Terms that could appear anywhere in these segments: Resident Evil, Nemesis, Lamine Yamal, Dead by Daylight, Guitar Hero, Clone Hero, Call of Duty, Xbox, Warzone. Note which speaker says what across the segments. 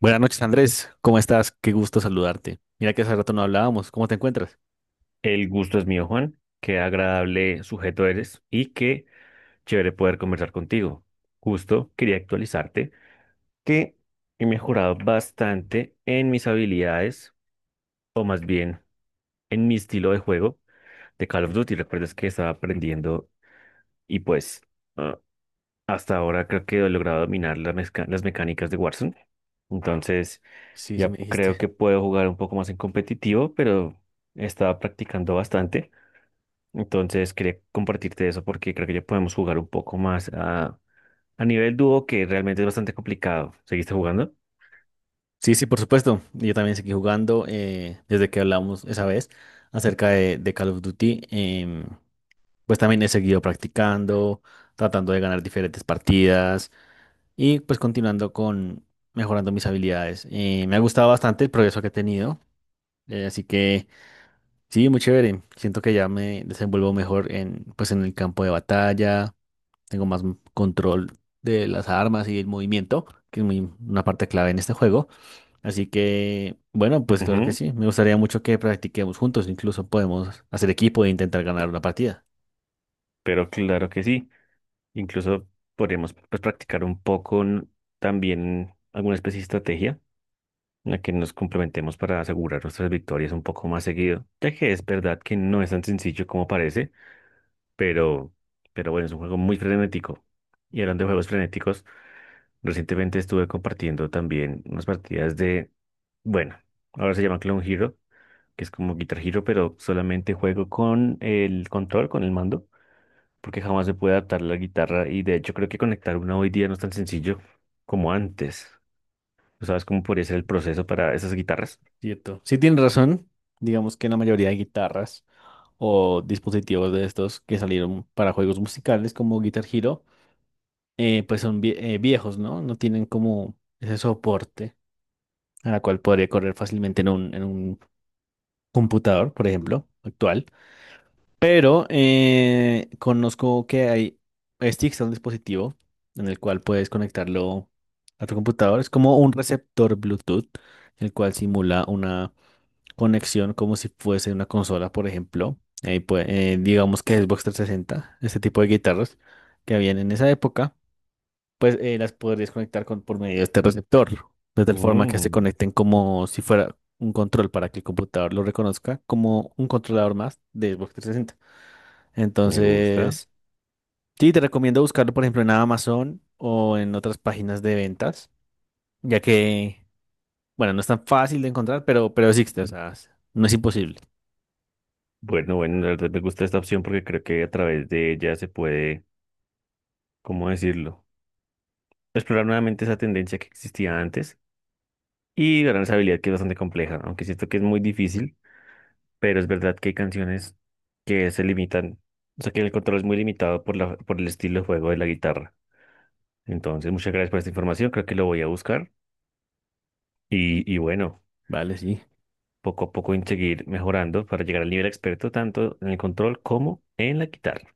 Speaker 1: Buenas noches, Andrés. ¿Cómo estás? Qué gusto saludarte. Mira que hace rato no hablábamos. ¿Cómo te encuentras?
Speaker 2: El gusto es mío, Juan. Qué agradable sujeto eres y qué chévere poder conversar contigo. Justo quería actualizarte que he mejorado bastante en mis habilidades, o más bien en mi estilo de juego de Call of Duty. Recuerdas que estaba aprendiendo y pues ah, hasta ahora creo que he logrado dominar las mecánicas de Warzone. Entonces
Speaker 1: Sí, sí,
Speaker 2: ya
Speaker 1: me dijiste.
Speaker 2: creo que puedo jugar un poco más en competitivo, pero estaba practicando bastante. Entonces quería compartirte eso porque creo que ya podemos jugar un poco más a nivel dúo, que realmente es bastante complicado. ¿Seguiste jugando?
Speaker 1: Sí, sí, por supuesto. Yo también seguí jugando desde que hablamos esa vez acerca de Call of Duty. Pues también he seguido practicando, tratando de ganar diferentes partidas y pues continuando con mejorando mis habilidades. Me ha gustado bastante el progreso que he tenido. Así que sí, muy chévere. Siento que ya me desenvuelvo mejor en, pues, en el campo de batalla, tengo más control de las armas y el movimiento, que es muy, una parte clave en este juego. Así que, bueno, pues claro que
Speaker 2: Ujú,
Speaker 1: sí, me gustaría mucho que practiquemos juntos, incluso podemos hacer equipo e intentar ganar una partida.
Speaker 2: pero claro que sí. Incluso podríamos pues, practicar un poco también alguna especie de estrategia en la que nos complementemos para asegurar nuestras victorias un poco más seguido, ya que es verdad que no es tan sencillo como parece, pero, pero bueno, es un juego muy frenético. Y hablando de juegos frenéticos, recientemente estuve compartiendo también unas partidas de, bueno, ahora se llama Clone Hero, que es como Guitar Hero, pero solamente juego con el control, con el mando, porque jamás se puede adaptar la guitarra y de hecho creo que conectar una hoy día no es tan sencillo como antes. ¿Tú sabes cómo podría ser el proceso para esas guitarras?
Speaker 1: Cierto. Sí, tienes razón, digamos que la mayoría de guitarras o dispositivos de estos que salieron para juegos musicales como Guitar Hero, pues son viejos, ¿no? No tienen como ese soporte a la cual podría correr fácilmente en en un computador, por ejemplo, actual. Pero conozco que hay sticks, un dispositivo en el cual puedes conectarlo a tu computador. Es como un receptor Bluetooth, el cual simula una conexión como si fuese una consola, por ejemplo. Ahí digamos que Xbox trescientos sesenta, este tipo de guitarras que habían en esa época, pues las podrías conectar con, por medio de este receptor, de tal forma que se
Speaker 2: Mm,
Speaker 1: conecten como si fuera un control para que el computador lo reconozca como un controlador más de Xbox 360.
Speaker 2: me gusta.
Speaker 1: Entonces, sí, te recomiendo buscarlo, por ejemplo, en Amazon o en otras páginas de ventas, ya que, bueno, no es tan fácil de encontrar, pero existe, o sea, no es imposible,
Speaker 2: Bueno, bueno, la verdad me gusta esta opción porque creo que a través de ella se puede, ¿cómo decirlo? Explorar nuevamente esa tendencia que existía antes y gran habilidad que es bastante compleja, ¿no? Aunque siento que es muy difícil, pero es verdad que hay canciones que se limitan, o sea que el control es muy limitado por el estilo de juego de la guitarra. Entonces, muchas gracias por esta información, creo que lo voy a buscar y bueno,
Speaker 1: ¿vale? Sí,
Speaker 2: poco a poco en seguir mejorando para llegar al nivel experto tanto en el control como en la guitarra.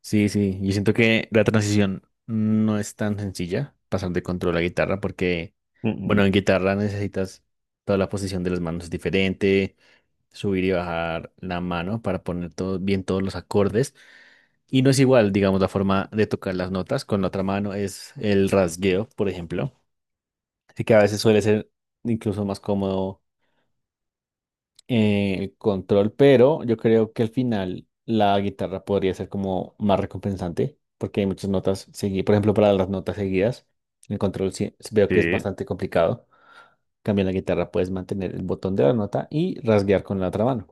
Speaker 1: sí, sí. Yo siento que la transición no es tan sencilla, pasar de control a guitarra, porque,
Speaker 2: Mm,
Speaker 1: bueno,
Speaker 2: mm.
Speaker 1: en guitarra necesitas toda la posición de las manos diferente, subir y bajar la mano para poner todo, bien todos los acordes. Y no es igual, digamos, la forma de tocar las notas con la otra mano es el rasgueo, por ejemplo. Así que a veces suele ser incluso más cómodo el control, pero yo creo que al final la guitarra podría ser como más recompensante, porque hay muchas notas seguidas. Por ejemplo, para las notas seguidas, el control veo que es
Speaker 2: Sí,
Speaker 1: bastante complicado. En cambio, en la guitarra puedes mantener el botón de la nota y rasguear con la otra mano.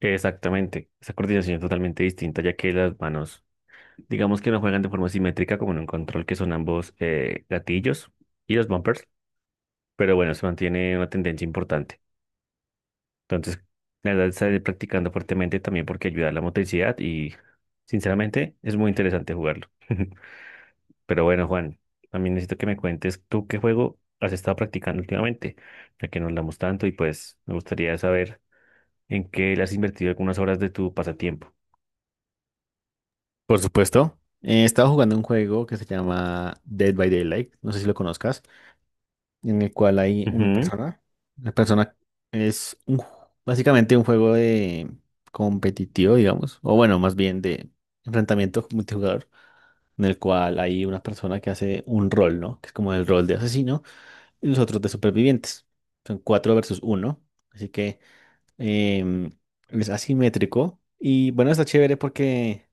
Speaker 2: exactamente, esa coordinación es totalmente distinta ya que las manos, digamos que no juegan de forma simétrica como en un control, que son ambos gatillos y los bumpers, pero bueno, se mantiene una tendencia importante. Entonces, la verdad, estaré practicando fuertemente también porque ayuda a la motricidad y, sinceramente, es muy interesante jugarlo. Pero bueno, Juan, también necesito que me cuentes tú qué juego has estado practicando últimamente, ya que nos hablamos tanto y pues me gustaría saber en qué le has invertido algunas horas de tu pasatiempo.
Speaker 1: Por supuesto. Estaba jugando un juego que se llama Dead by Daylight, no sé si lo conozcas, en el cual hay una
Speaker 2: Ujú,
Speaker 1: persona. La persona es un básicamente un juego de competitivo, digamos, o bueno, más bien de enfrentamiento multijugador, en el cual hay una persona que hace un rol, ¿no? Que es como el rol de asesino y los otros de supervivientes. Son cuatro versus uno, así que em, es asimétrico y bueno, está chévere porque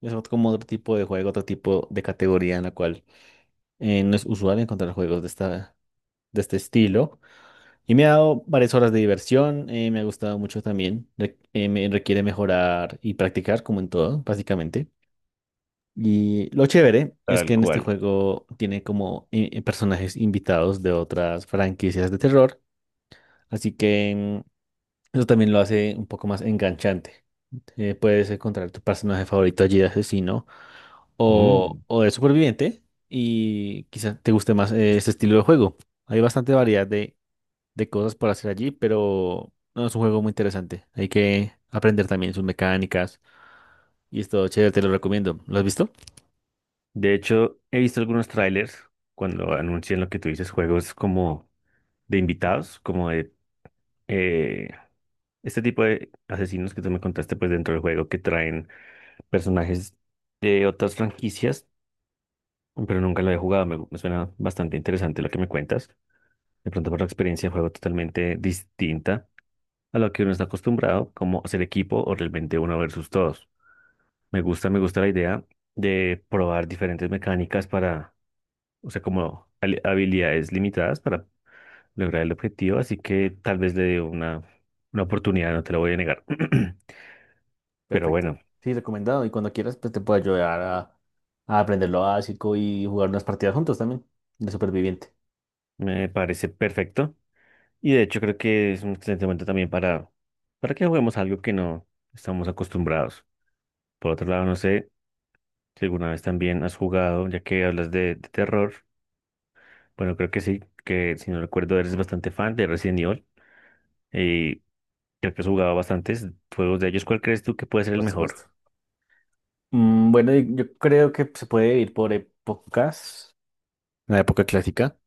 Speaker 1: es como otro tipo de juego, otro tipo de categoría en la cual no es usual encontrar juegos de esta, de este estilo. Y me ha dado varias horas de diversión. Me ha gustado mucho también. Me requiere mejorar y practicar, como en todo, básicamente. Y lo chévere es
Speaker 2: tal
Speaker 1: que en este
Speaker 2: cual.
Speaker 1: juego tiene como personajes invitados de otras franquicias de terror, así que eso también lo hace un poco más enganchante. Puedes encontrar tu personaje favorito allí de asesino
Speaker 2: Mm.
Speaker 1: o de superviviente y quizá te guste más este estilo de juego. Hay bastante variedad de cosas por hacer allí, pero no es un juego muy interesante. Hay que aprender también sus mecánicas y es todo chévere, te lo recomiendo. ¿Lo has visto?
Speaker 2: De hecho, he visto algunos trailers cuando anuncian lo que tú dices, juegos como de invitados, eh, este tipo de asesinos que tú me contaste pues dentro del juego, que traen personajes de otras franquicias, pero nunca lo he jugado, me suena bastante interesante lo que me cuentas. De pronto por la experiencia de juego totalmente distinta a lo que uno está acostumbrado, como ser equipo o realmente uno versus todos. Me gusta la idea de probar diferentes mecánicas para, o sea, como habilidades limitadas para lograr el objetivo, así que tal vez le dé una oportunidad, no te lo voy a negar. Pero
Speaker 1: Perfecto.
Speaker 2: bueno,
Speaker 1: Sí, recomendado. Y cuando quieras, pues te puedo ayudar a aprender lo básico y jugar unas partidas juntos también de superviviente.
Speaker 2: me parece perfecto. Y de hecho creo que es un excelente momento también para que juguemos algo que no estamos acostumbrados. Por otro lado, no sé si alguna vez también has jugado, ya que hablas de terror. Bueno, creo que sí, que si no recuerdo eres bastante fan de Resident Evil y creo que has jugado bastantes juegos de ellos. ¿Cuál crees tú que puede ser
Speaker 1: Por
Speaker 2: el mejor?
Speaker 1: supuesto. Mm, bueno, y yo creo que se puede ir por épocas, la época clásica,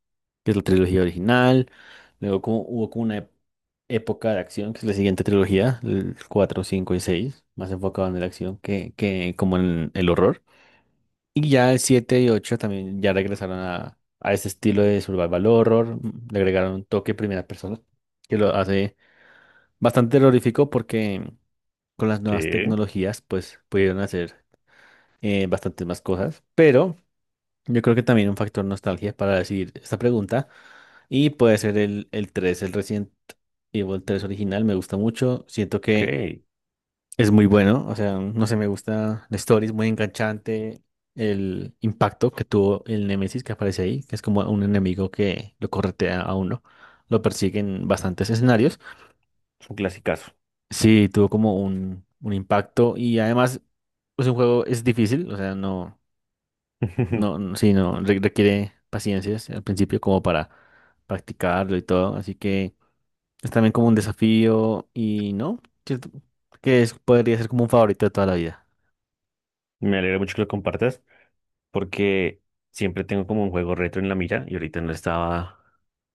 Speaker 1: que es la trilogía original. Luego como, hubo como una época de acción, que es la siguiente trilogía, el 4, 5 y 6 más enfocado en la acción que como en el horror. Y ya el 7 y 8 también ya regresaron a ese estilo de survival horror. Le agregaron un toque primera persona, que lo hace bastante terrorífico porque con las nuevas
Speaker 2: Sí,
Speaker 1: tecnologías pues pudieron hacer bastantes más cosas, pero... Yo creo que también un factor nostalgia para decidir esta pregunta. Y puede ser el tres, el Resident Evil 3 original, me gusta mucho. Siento
Speaker 2: ok,
Speaker 1: que
Speaker 2: es
Speaker 1: es muy bueno, o sea, no sé, me gusta la story, es muy enganchante. El impacto que tuvo el Nemesis que aparece ahí, que es como un enemigo que lo corretea a uno, lo persigue en bastantes escenarios.
Speaker 2: un clasicazo.
Speaker 1: Sí, tuvo como un impacto y además, pues un juego es difícil, o sea, no, no, sí, no, requiere paciencia al principio como para practicarlo y todo, así que. Es también como un desafío y no, ¿cierto? Que podría ser como un favorito de toda la vida.
Speaker 2: Me alegra mucho que lo compartas, porque siempre tengo como un juego retro en la mira y ahorita no estaba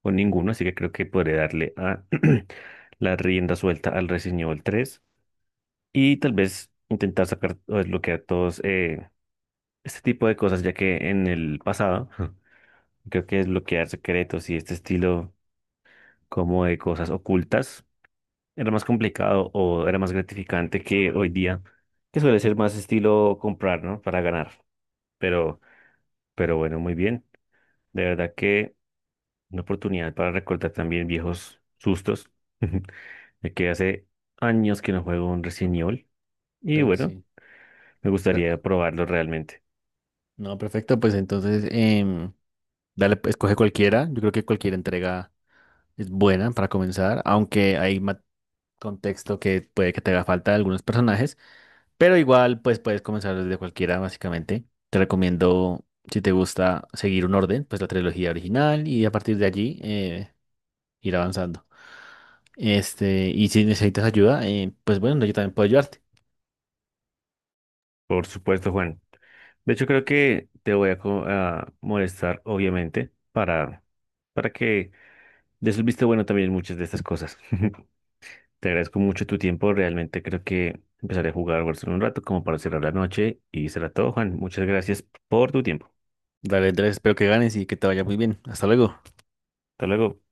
Speaker 2: con ninguno, así que creo que podré darle a la rienda suelta al Resident Evil 3 y tal vez intentar sacar o desbloquear todos este tipo de cosas, ya que en el pasado creo que desbloquear secretos y este estilo como de cosas ocultas era más complicado o era más gratificante que hoy día, que suele ser más estilo comprar, ¿no? Para ganar, pero, pero bueno, muy bien. De verdad que. Una oportunidad para recordar también viejos sustos, de que hace años que no juego un Resident Evil y
Speaker 1: Creo que
Speaker 2: bueno,
Speaker 1: sí.
Speaker 2: me
Speaker 1: Pe-
Speaker 2: gustaría probarlo realmente.
Speaker 1: No, perfecto, pues entonces dale, pues, escoge cualquiera. Yo creo que cualquier entrega es buena para comenzar, aunque hay contexto que puede que te haga falta de algunos personajes, pero igual pues puedes comenzar desde cualquiera básicamente. Te recomiendo, si te gusta, seguir un orden, pues la trilogía original y a partir de allí ir avanzando. Este, y si necesitas ayuda, pues bueno, yo también puedo ayudarte.
Speaker 2: Por supuesto, Juan. De hecho, creo que te voy a molestar, obviamente, para que des un visto bueno también en muchas de estas cosas. Te agradezco mucho tu tiempo, realmente creo que empezaré a jugar Warzone un rato como para cerrar la noche y será todo, Juan. Muchas gracias por tu tiempo.
Speaker 1: Dale, Andrés, espero que ganes y que te vaya muy bien. Hasta luego.
Speaker 2: Hasta luego.